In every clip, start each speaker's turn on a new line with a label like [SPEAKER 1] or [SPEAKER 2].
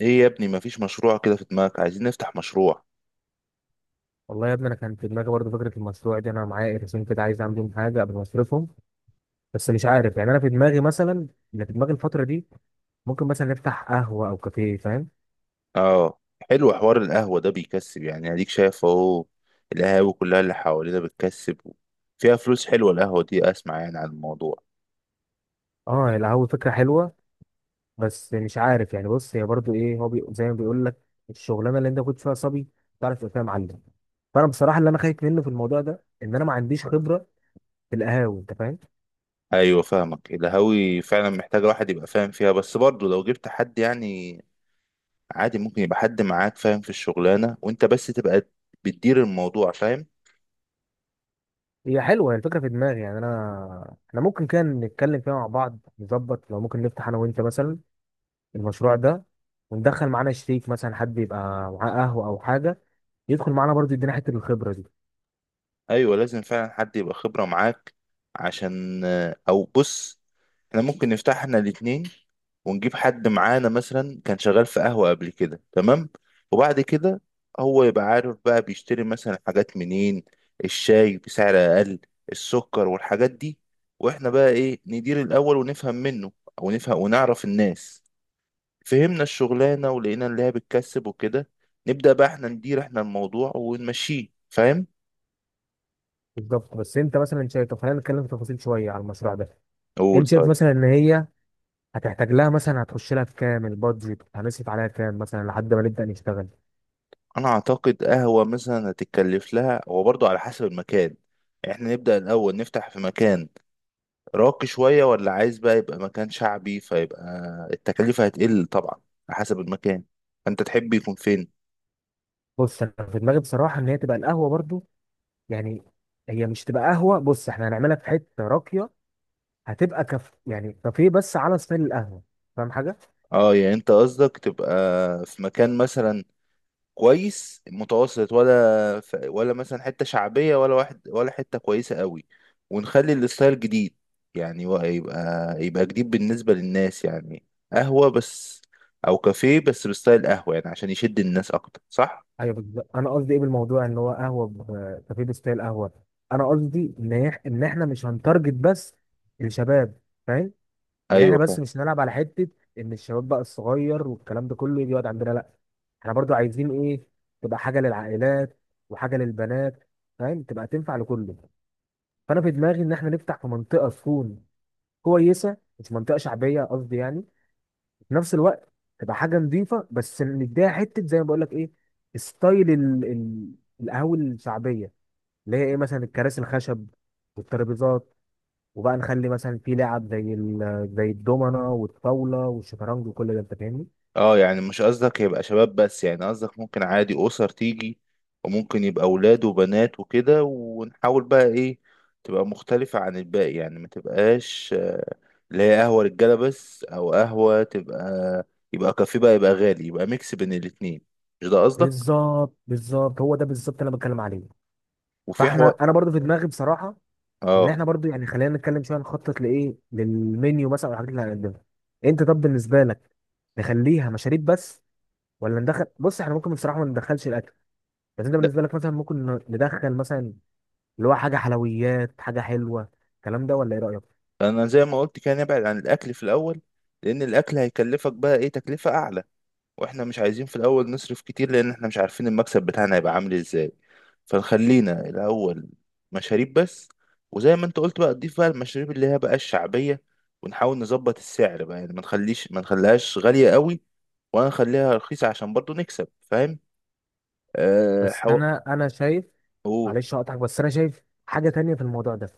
[SPEAKER 1] ايه يا ابني؟ مفيش مشروع كده في دماغك؟ عايزين نفتح مشروع.
[SPEAKER 2] والله يا ابني انا كان في دماغي برضه فكره المشروع دي. انا معايا قرشين كده، عايز اعمل بيهم حاجه قبل ما اصرفهم. بس مش عارف، يعني انا في دماغي مثلا، اللي في دماغي الفتره دي ممكن مثلا نفتح قهوه او كافيه، فاهم؟
[SPEAKER 1] اه، حلو. حوار القهوة ده بيكسب، يعني اديك شايف اهو. القهاوي كلها اللي حوالينا بتكسب، فيها فلوس حلوة القهوة دي. اسمع يعني عن الموضوع.
[SPEAKER 2] اه، القهوه فكره حلوه، بس مش عارف يعني. بص، هي برضه ايه هو زي ما بيقول لك، الشغلانه اللي انت كنت فيها صبي تعرف تبقى فيها معلم. فانا بصراحه اللي انا خايف منه في الموضوع ده ان انا ما عنديش خبره في القهاوي، انت فاهم؟
[SPEAKER 1] ايوه فاهمك. القهاوي فعلا محتاجة واحد يبقى فاهم فيها، بس برضه لو جبت حد يعني عادي ممكن يبقى حد معاك فاهم في الشغلانة وانت بس تبقى بتدير الموضوع، فاهم.
[SPEAKER 2] هي حلوه هي الفكره في دماغي، يعني انا احنا ممكن كان نتكلم فيها مع بعض، نظبط لو ممكن نفتح انا وانت مثلا المشروع ده، وندخل معانا شريك مثلا، حد يبقى معاه قهوه او حاجه، يدخل معانا برضه يدينا حته الخبره دي.
[SPEAKER 1] ايوه لازم فعلا حد يبقى خبرة معاك عشان، او بص، احنا ممكن نفتح احنا الاتنين ونجيب حد معانا مثلا كان شغال في قهوة قبل كده، تمام. وبعد كده هو يبقى عارف بقى بيشتري مثلا حاجات منين، الشاي بسعر اقل، السكر والحاجات دي. واحنا بقى ايه، ندير الاول ونفهم منه، او نفهم ونعرف الناس، فهمنا الشغلانة ولقينا اللي هي بتكسب وكده، نبدأ بقى احنا ندير احنا الموضوع ونمشيه، فاهم.
[SPEAKER 2] بالظبط، بس انت مثلا شايف؟ طب خلينا نتكلم في تفاصيل شويه على المشروع ده.
[SPEAKER 1] قول
[SPEAKER 2] انت شايف
[SPEAKER 1] طيب.
[SPEAKER 2] مثلا ان هي هتحتاج لها مثلا، هتخش لها في كام؟ البادجت هنصرف عليها كام مثلا لحد ما نبدا نشتغل؟
[SPEAKER 1] انا اعتقد قهوة مثلا هتتكلف لها هو برضو على حسب المكان. احنا نبدأ الاول نفتح في مكان راقي شوية ولا عايز بقى يبقى مكان شعبي، فيبقى التكلفة هتقل طبعا على حسب المكان. انت تحب يكون فين؟
[SPEAKER 2] بص انا في دماغي بصراحه ان هي تبقى القهوه برضه، يعني هي مش تبقى قهوه. بص احنا هنعملها في حته راقيه، هتبقى كف يعني كافيه بس على ستايل القهوه، فاهم حاجه؟
[SPEAKER 1] اه، يعني انت قصدك تبقى في مكان مثلا كويس متوسط، ولا ولا مثلا حتة شعبية، ولا واحد، ولا حتة كويسة قوي، ونخلي الستايل جديد يعني يبقى جديد بالنسبة للناس يعني. قهوة بس أو كافيه بس بستايل قهوة، يعني عشان يشد الناس أكتر، صح؟
[SPEAKER 2] ايوه بالظبط، انا قصدي ايه بالموضوع؟ ان هو قهوه كافيه ستايل قهوه. انا قصدي ان ان احنا مش هنتارجت بس الشباب، فاهم؟ يعني احنا بس
[SPEAKER 1] أيوه.
[SPEAKER 2] مش هنلعب على حته ان الشباب بقى الصغير والكلام ده كله يجي يقعد عندنا، لا. احنا برضو عايزين ايه؟ تبقى حاجه للعائلات وحاجه للبنات، فاهم؟ تبقى تنفع لكله. فانا في دماغي ان احنا نفتح في منطقه تكون كويسه، مش منطقه شعبيه قصدي يعني، في نفس الوقت تبقى حاجه نظيفه، بس نديها حته زي ما بقول لك ايه، ستايل القهوه الشعبيه، اللي هي ايه، مثلا الكراسي الخشب والترابيزات، وبقى نخلي مثلا في لعب زي زي الدومنه والطاوله والشطرنج وكل ده، انت فاهمني؟
[SPEAKER 1] اه يعني مش قصدك يبقى شباب بس، يعني قصدك ممكن عادي أسر تيجي وممكن يبقى أولاد وبنات وكده، ونحاول بقى إيه تبقى مختلفة عن الباقي يعني، ما تبقاش اللي هي قهوة رجالة بس، أو قهوة تبقى، يبقى كافيه بقى يبقى غالي، يبقى ميكس بين الاتنين. مش ده قصدك؟
[SPEAKER 2] بالظبط هو ده بالظبط اللي انا بتكلم عليه.
[SPEAKER 1] وفي حوار.
[SPEAKER 2] فاحنا انا برضو في دماغي بصراحه ان
[SPEAKER 1] اه.
[SPEAKER 2] احنا برضو يعني خلينا نتكلم شويه، نخطط لايه، للمنيو مثلا والحاجات اللي هنقدمها. انت طب بالنسبه لك نخليها مشاريب بس، ولا ندخل؟ بص احنا ممكن بصراحه ما ندخلش الاكل، بس انت
[SPEAKER 1] لا،
[SPEAKER 2] بالنسبه لك مثلا ممكن ندخل مثلا اللي هو حاجه حلويات، حاجه حلوه الكلام ده، ولا ايه رايك؟
[SPEAKER 1] أنا زي ما قلت كده نبعد عن الأكل في الأول، لأن الأكل هيكلفك بقى إيه تكلفة أعلى، واحنا مش عايزين في الاول نصرف كتير، لان احنا مش عارفين المكسب بتاعنا هيبقى عامل ازاي. فنخلينا الاول مشاريب بس، وزي ما انت قلت بقى تضيف بقى المشاريب اللي هي بقى الشعبية، ونحاول نظبط السعر بقى، يعني ما نخليش، ما نخليهاش غالية قوي ولا نخليها رخيصة عشان برضو نكسب، فاهم. أه
[SPEAKER 2] بس
[SPEAKER 1] حو...
[SPEAKER 2] انا انا شايف،
[SPEAKER 1] قول.
[SPEAKER 2] معلش هقطعك، بس انا شايف حاجه تانية في الموضوع ده.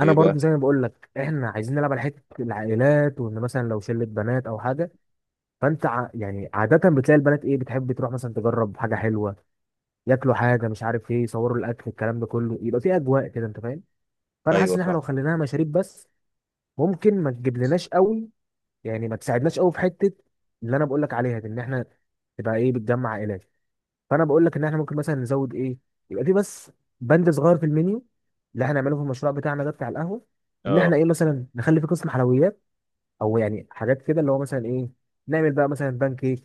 [SPEAKER 2] انا
[SPEAKER 1] ايه
[SPEAKER 2] برضو
[SPEAKER 1] بقى.
[SPEAKER 2] زي ما بقول لك احنا عايزين نلعب على حته العائلات، وان مثلا لو شله بنات او حاجه، فانت يعني عاده بتلاقي البنات ايه، بتحب تروح مثلا تجرب حاجه حلوه، ياكلوا حاجه مش عارف ايه، يصوروا الاكل الكلام ده كله، يبقى في اجواء كده، انت فاهم؟ فانا حاسس
[SPEAKER 1] ايوه
[SPEAKER 2] ان احنا
[SPEAKER 1] فاهم.
[SPEAKER 2] لو خليناها مشاريب بس ممكن ما تجيبلناش قوي، يعني ما تساعدناش قوي في حته اللي انا بقول لك عليها دي، ان احنا تبقى ايه، بتجمع عائلات. فانا بقول لك ان احنا ممكن مثلا نزود ايه، يبقى في بس بند صغير في المنيو اللي احنا هنعمله في المشروع بتاعنا ده بتاع القهوه، ان
[SPEAKER 1] اه
[SPEAKER 2] احنا ايه مثلا نخلي في قسم حلويات، او يعني حاجات كده، اللي هو مثلا ايه، نعمل بقى مثلا بان كيك.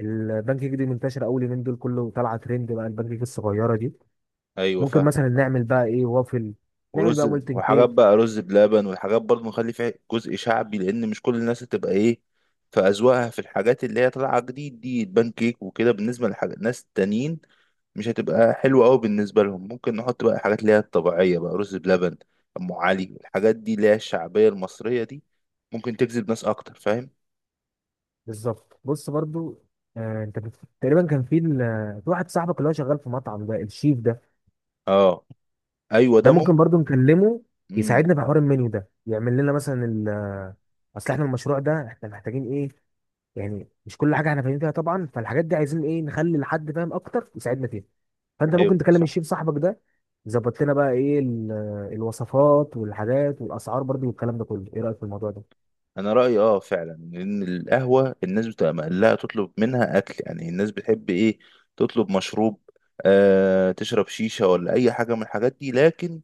[SPEAKER 2] البان كيك دي منتشره، اول يومين دول كله طالعه ترند بقى البان كيك الصغيره دي.
[SPEAKER 1] ايوه
[SPEAKER 2] ممكن
[SPEAKER 1] فاهم.
[SPEAKER 2] مثلا نعمل بقى ايه، وافل. نعمل
[SPEAKER 1] ورز
[SPEAKER 2] بقى مولتن
[SPEAKER 1] وحاجات
[SPEAKER 2] كيك.
[SPEAKER 1] بقى، رز بلبن وحاجات برضه نخلي فيها جزء شعبي، لان مش كل الناس هتبقى ايه في اذواقها في الحاجات اللي هي طالعه جديد دي البان كيك وكده. بالنسبه لحاجات ناس تانيين مش هتبقى حلوه قوي بالنسبه لهم، ممكن نحط بقى حاجات اللي هي الطبيعيه، بقى رز بلبن، ام علي، الحاجات دي اللي هي الشعبيه المصريه دي ممكن تجذب ناس اكتر، فاهم.
[SPEAKER 2] بالظبط. بص برضو، انت تقريبا كان في في واحد صاحبك اللي هو شغال في مطعم ده، الشيف ده.
[SPEAKER 1] اه. ايوه
[SPEAKER 2] ده
[SPEAKER 1] ده
[SPEAKER 2] ممكن
[SPEAKER 1] ممكن.
[SPEAKER 2] برضو نكلمه
[SPEAKER 1] امم
[SPEAKER 2] يساعدنا في حوار المنيو ده، يعمل لنا مثلا ال آه، اصل احنا المشروع ده احنا محتاجين ايه، يعني مش كل حاجه احنا فاهمين فيها طبعا، فالحاجات دي عايزين ايه، نخلي لحد فاهم اكتر يساعدنا فيها. فانت ممكن
[SPEAKER 1] ايوه
[SPEAKER 2] تكلم
[SPEAKER 1] صح.
[SPEAKER 2] الشيف صاحبك ده يظبط لنا بقى ايه الوصفات والحاجات والاسعار برضو والكلام ده كله. ايه رايك في الموضوع ده؟
[SPEAKER 1] انا رايي اه فعلا ان القهوه الناس بتبقى مقلقه تطلب منها اكل، يعني الناس بتحب ايه تطلب مشروب، آه تشرب شيشه ولا اي حاجه من الحاجات دي، لكن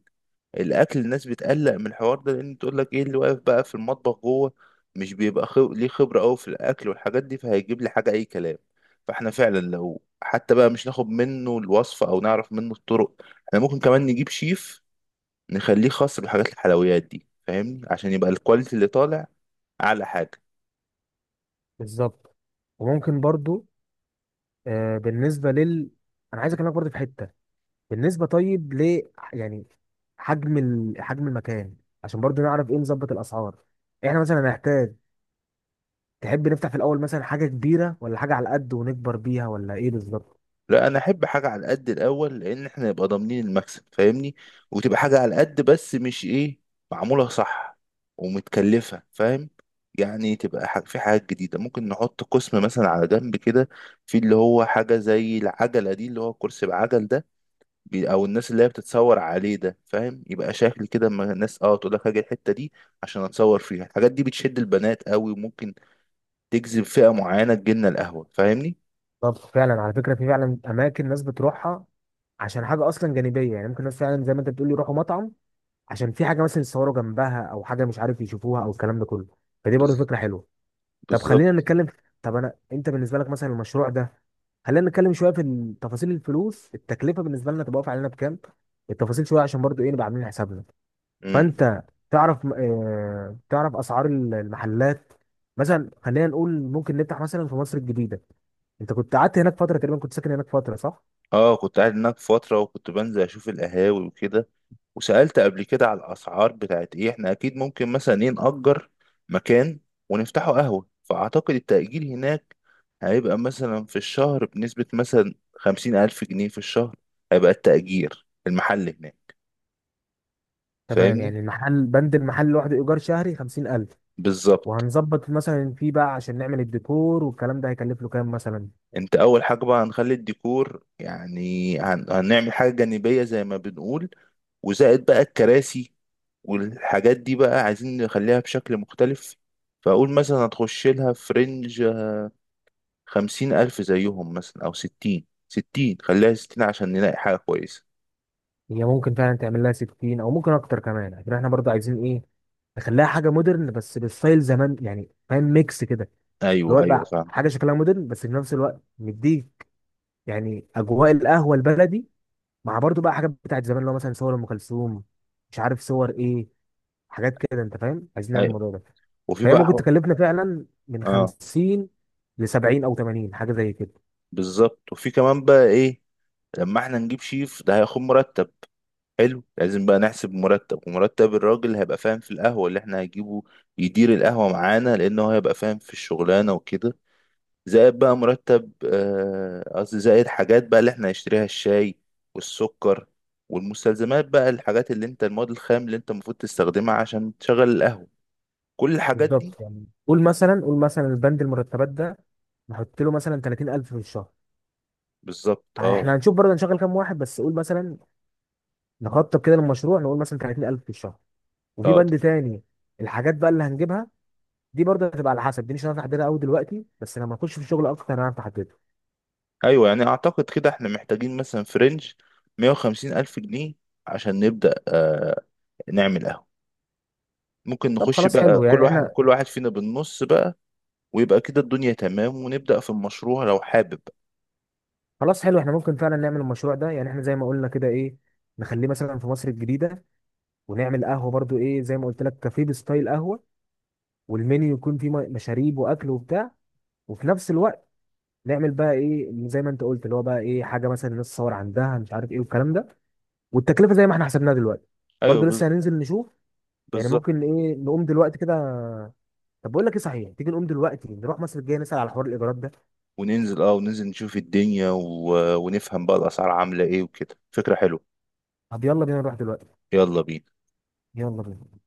[SPEAKER 1] الاكل الناس بتقلق من الحوار ده، لان تقول لك ايه اللي واقف بقى في المطبخ جوه؟ مش بيبقى ليه خبره قوي في الاكل والحاجات دي، فهيجيب لي حاجه اي كلام. فاحنا فعلا لو حتى بقى مش ناخد منه الوصفه او نعرف منه الطرق، احنا ممكن كمان نجيب شيف نخليه خاص بحاجات الحلويات دي فاهمني، عشان يبقى الكواليتي اللي طالع اعلى حاجه.
[SPEAKER 2] بالظبط، وممكن برضو، بالنسبه لل، انا عايز اكلمك برضو في حته، بالنسبة طيب ل، يعني حجم حجم المكان، عشان برضو نعرف ايه، نظبط الأسعار. احنا مثلا هنحتاج، تحب نفتح في الأول مثلا حاجة كبيرة ولا حاجة على قد ونكبر بيها، ولا ايه بالظبط؟
[SPEAKER 1] لا، انا احب حاجه على قد الاول، لان احنا نبقى ضامنين المكسب فاهمني، وتبقى حاجه على قد بس مش ايه، معموله صح ومتكلفه، فاهم. يعني تبقى في حاجات جديده، ممكن نحط قسم مثلا على جنب كده، في اللي هو حاجه زي العجله دي، اللي هو الكرسي بعجل ده، او الناس اللي هي بتتصور عليه ده، فاهم، يبقى شكل كده اما الناس اه تقول لك هاجي الحته دي عشان اتصور فيها. الحاجات دي بتشد البنات قوي وممكن تجذب فئه معينه تجيلنا القهوه، فاهمني.
[SPEAKER 2] طب فعلا على فكرة، في فعلا أماكن ناس بتروحها عشان حاجة أصلا جانبية، يعني ممكن ناس فعلا زي ما أنت بتقول يروحوا مطعم عشان في حاجة مثلا يتصوروا جنبها، أو حاجة مش عارف يشوفوها، أو الكلام ده كله. فدي برضو
[SPEAKER 1] بز-
[SPEAKER 2] فكرة حلوة. طب خلينا
[SPEAKER 1] بالظبط.
[SPEAKER 2] نتكلم، طب انا انت بالنسبه لك مثلا المشروع ده، خلينا نتكلم شويه في تفاصيل الفلوس، التكلفه بالنسبه لنا تبقى واقفه علينا بكام، التفاصيل شويه عشان برضو ايه، نبقى عاملين حسابنا.
[SPEAKER 1] مم.
[SPEAKER 2] فانت تعرف تعرف اسعار المحلات؟ مثلا خلينا نقول ممكن نفتح مثلا في مصر الجديده، انت كنت قعدت هناك فتره، تقريبا كنت ساكن هناك فتره، صح؟
[SPEAKER 1] اه كنت قاعد هناك فترة وكنت بنزل اشوف القهاوي وكده، وسألت قبل كده على الاسعار بتاعت ايه. احنا اكيد ممكن مثلا ايه نأجر مكان ونفتحه قهوة، فاعتقد التأجير هناك هيبقى مثلا في الشهر بنسبة مثلا 50000 جنيه في الشهر هيبقى التأجير المحل هناك.
[SPEAKER 2] تمام،
[SPEAKER 1] فاهمني.
[SPEAKER 2] يعني المحل، بند المحل لوحده ايجار شهري 50,000.
[SPEAKER 1] بالظبط.
[SPEAKER 2] وهنظبط مثلا فيه بقى عشان نعمل الديكور والكلام ده، هيكلف له كام مثلا؟
[SPEAKER 1] انت اول حاجة بقى هنخلي الديكور، يعني هنعمل حاجة جانبية زي ما بنقول، وزائد بقى الكراسي والحاجات دي بقى عايزين نخليها بشكل مختلف، فأقول مثلا هتخش لها في رينج 50000 زيهم مثلا، أو 60، 60 خليها 60 عشان نلاقي حاجة كويسة.
[SPEAKER 2] هي ممكن فعلا تعمل لها 60 او ممكن اكتر كمان، عشان احنا برضه عايزين ايه، نخليها حاجه مودرن بس بالستايل زمان، يعني فاهم، ميكس كده، اللي
[SPEAKER 1] أيوه
[SPEAKER 2] هو
[SPEAKER 1] أيوه
[SPEAKER 2] بقى
[SPEAKER 1] فاهم.
[SPEAKER 2] حاجه شكلها مودرن بس في نفس الوقت مديك يعني اجواء القهوه البلدي، مع برضه بقى حاجات بتاعت زمان، اللي هو مثلا صور ام كلثوم، مش عارف صور ايه، حاجات كده انت فاهم، عايزين نعمل
[SPEAKER 1] أيوه.
[SPEAKER 2] الموضوع ده.
[SPEAKER 1] وفي
[SPEAKER 2] فهي
[SPEAKER 1] بقى
[SPEAKER 2] ممكن
[SPEAKER 1] حو...
[SPEAKER 2] تكلفنا فعلا من
[SPEAKER 1] آه
[SPEAKER 2] 50 ل 70 او 80، حاجه زي كده.
[SPEAKER 1] بالظبط. وفي كمان بقى إيه، لما إحنا نجيب شيف ده هياخد مرتب، حلو، لازم بقى نحسب مرتب، ومرتب الراجل هيبقى فاهم في القهوة اللي إحنا هنجيبه يدير القهوة معانا، لأنه هيبقى فاهم في الشغلانة وكده. زائد بقى مرتب قصدي زائد حاجات بقى اللي احنا هنشتريها، الشاي والسكر والمستلزمات بقى، الحاجات اللي انت المواد الخام اللي انت المفروض تستخدمها عشان تشغل القهوة، كل الحاجات دي.
[SPEAKER 2] بالظبط، يعني قول مثلا، قول مثلا البند المرتبات ده نحط له مثلا 30,000 في الشهر.
[SPEAKER 1] بالظبط. اه
[SPEAKER 2] احنا هنشوف برضه هنشغل كام واحد، بس قول مثلا نخطط كده للمشروع، نقول مثلا 30,000 في الشهر. وفي
[SPEAKER 1] اه
[SPEAKER 2] بند
[SPEAKER 1] طب.
[SPEAKER 2] تاني، الحاجات بقى اللي هنجيبها، دي برضه هتبقى على حسب، دي مش هنعرف نحددها قوي دلوقتي، بس لما نخش في الشغل اكتر هنعرف نحددها.
[SPEAKER 1] ايوه يعني اعتقد كده احنا محتاجين مثلا في رينج 150 الف جنيه عشان نبدأ نعمل قهوة. ممكن
[SPEAKER 2] طب
[SPEAKER 1] نخش
[SPEAKER 2] خلاص
[SPEAKER 1] بقى
[SPEAKER 2] حلو
[SPEAKER 1] كل
[SPEAKER 2] يعني
[SPEAKER 1] واحد
[SPEAKER 2] احنا،
[SPEAKER 1] كل واحد فينا بالنص بقى، ويبقى كده الدنيا تمام ونبدأ في المشروع لو حابب.
[SPEAKER 2] خلاص حلو احنا ممكن فعلا نعمل المشروع ده. يعني احنا زي ما قلنا كده ايه، نخليه مثلا في مصر الجديدة، ونعمل قهوة برضه ايه زي ما قلت لك، كافيه بستايل قهوة، والمنيو يكون فيه مشاريب واكل وبتاع، وفي نفس الوقت نعمل بقى ايه زي ما انت قلت، اللي هو بقى ايه، حاجة مثلا الناس تصور عندها، مش عارف ايه والكلام ده. والتكلفه زي ما احنا حسبناها دلوقتي
[SPEAKER 1] ايوه
[SPEAKER 2] برضه لسه هننزل نشوف، يعني
[SPEAKER 1] بالظبط.
[SPEAKER 2] ممكن ايه نقوم دلوقتي كده. طب بقول لك ايه صحيح، تيجي نقوم دلوقتي نروح مصر الجايه نسال على حوار الايجارات ده؟
[SPEAKER 1] وننزل، اه وننزل نشوف الدنيا ونفهم بقى الأسعار عاملة ايه وكده، فكرة حلوة.
[SPEAKER 2] طب يلا بينا نروح دلوقتي.
[SPEAKER 1] يلا بينا.
[SPEAKER 2] يلا بينا.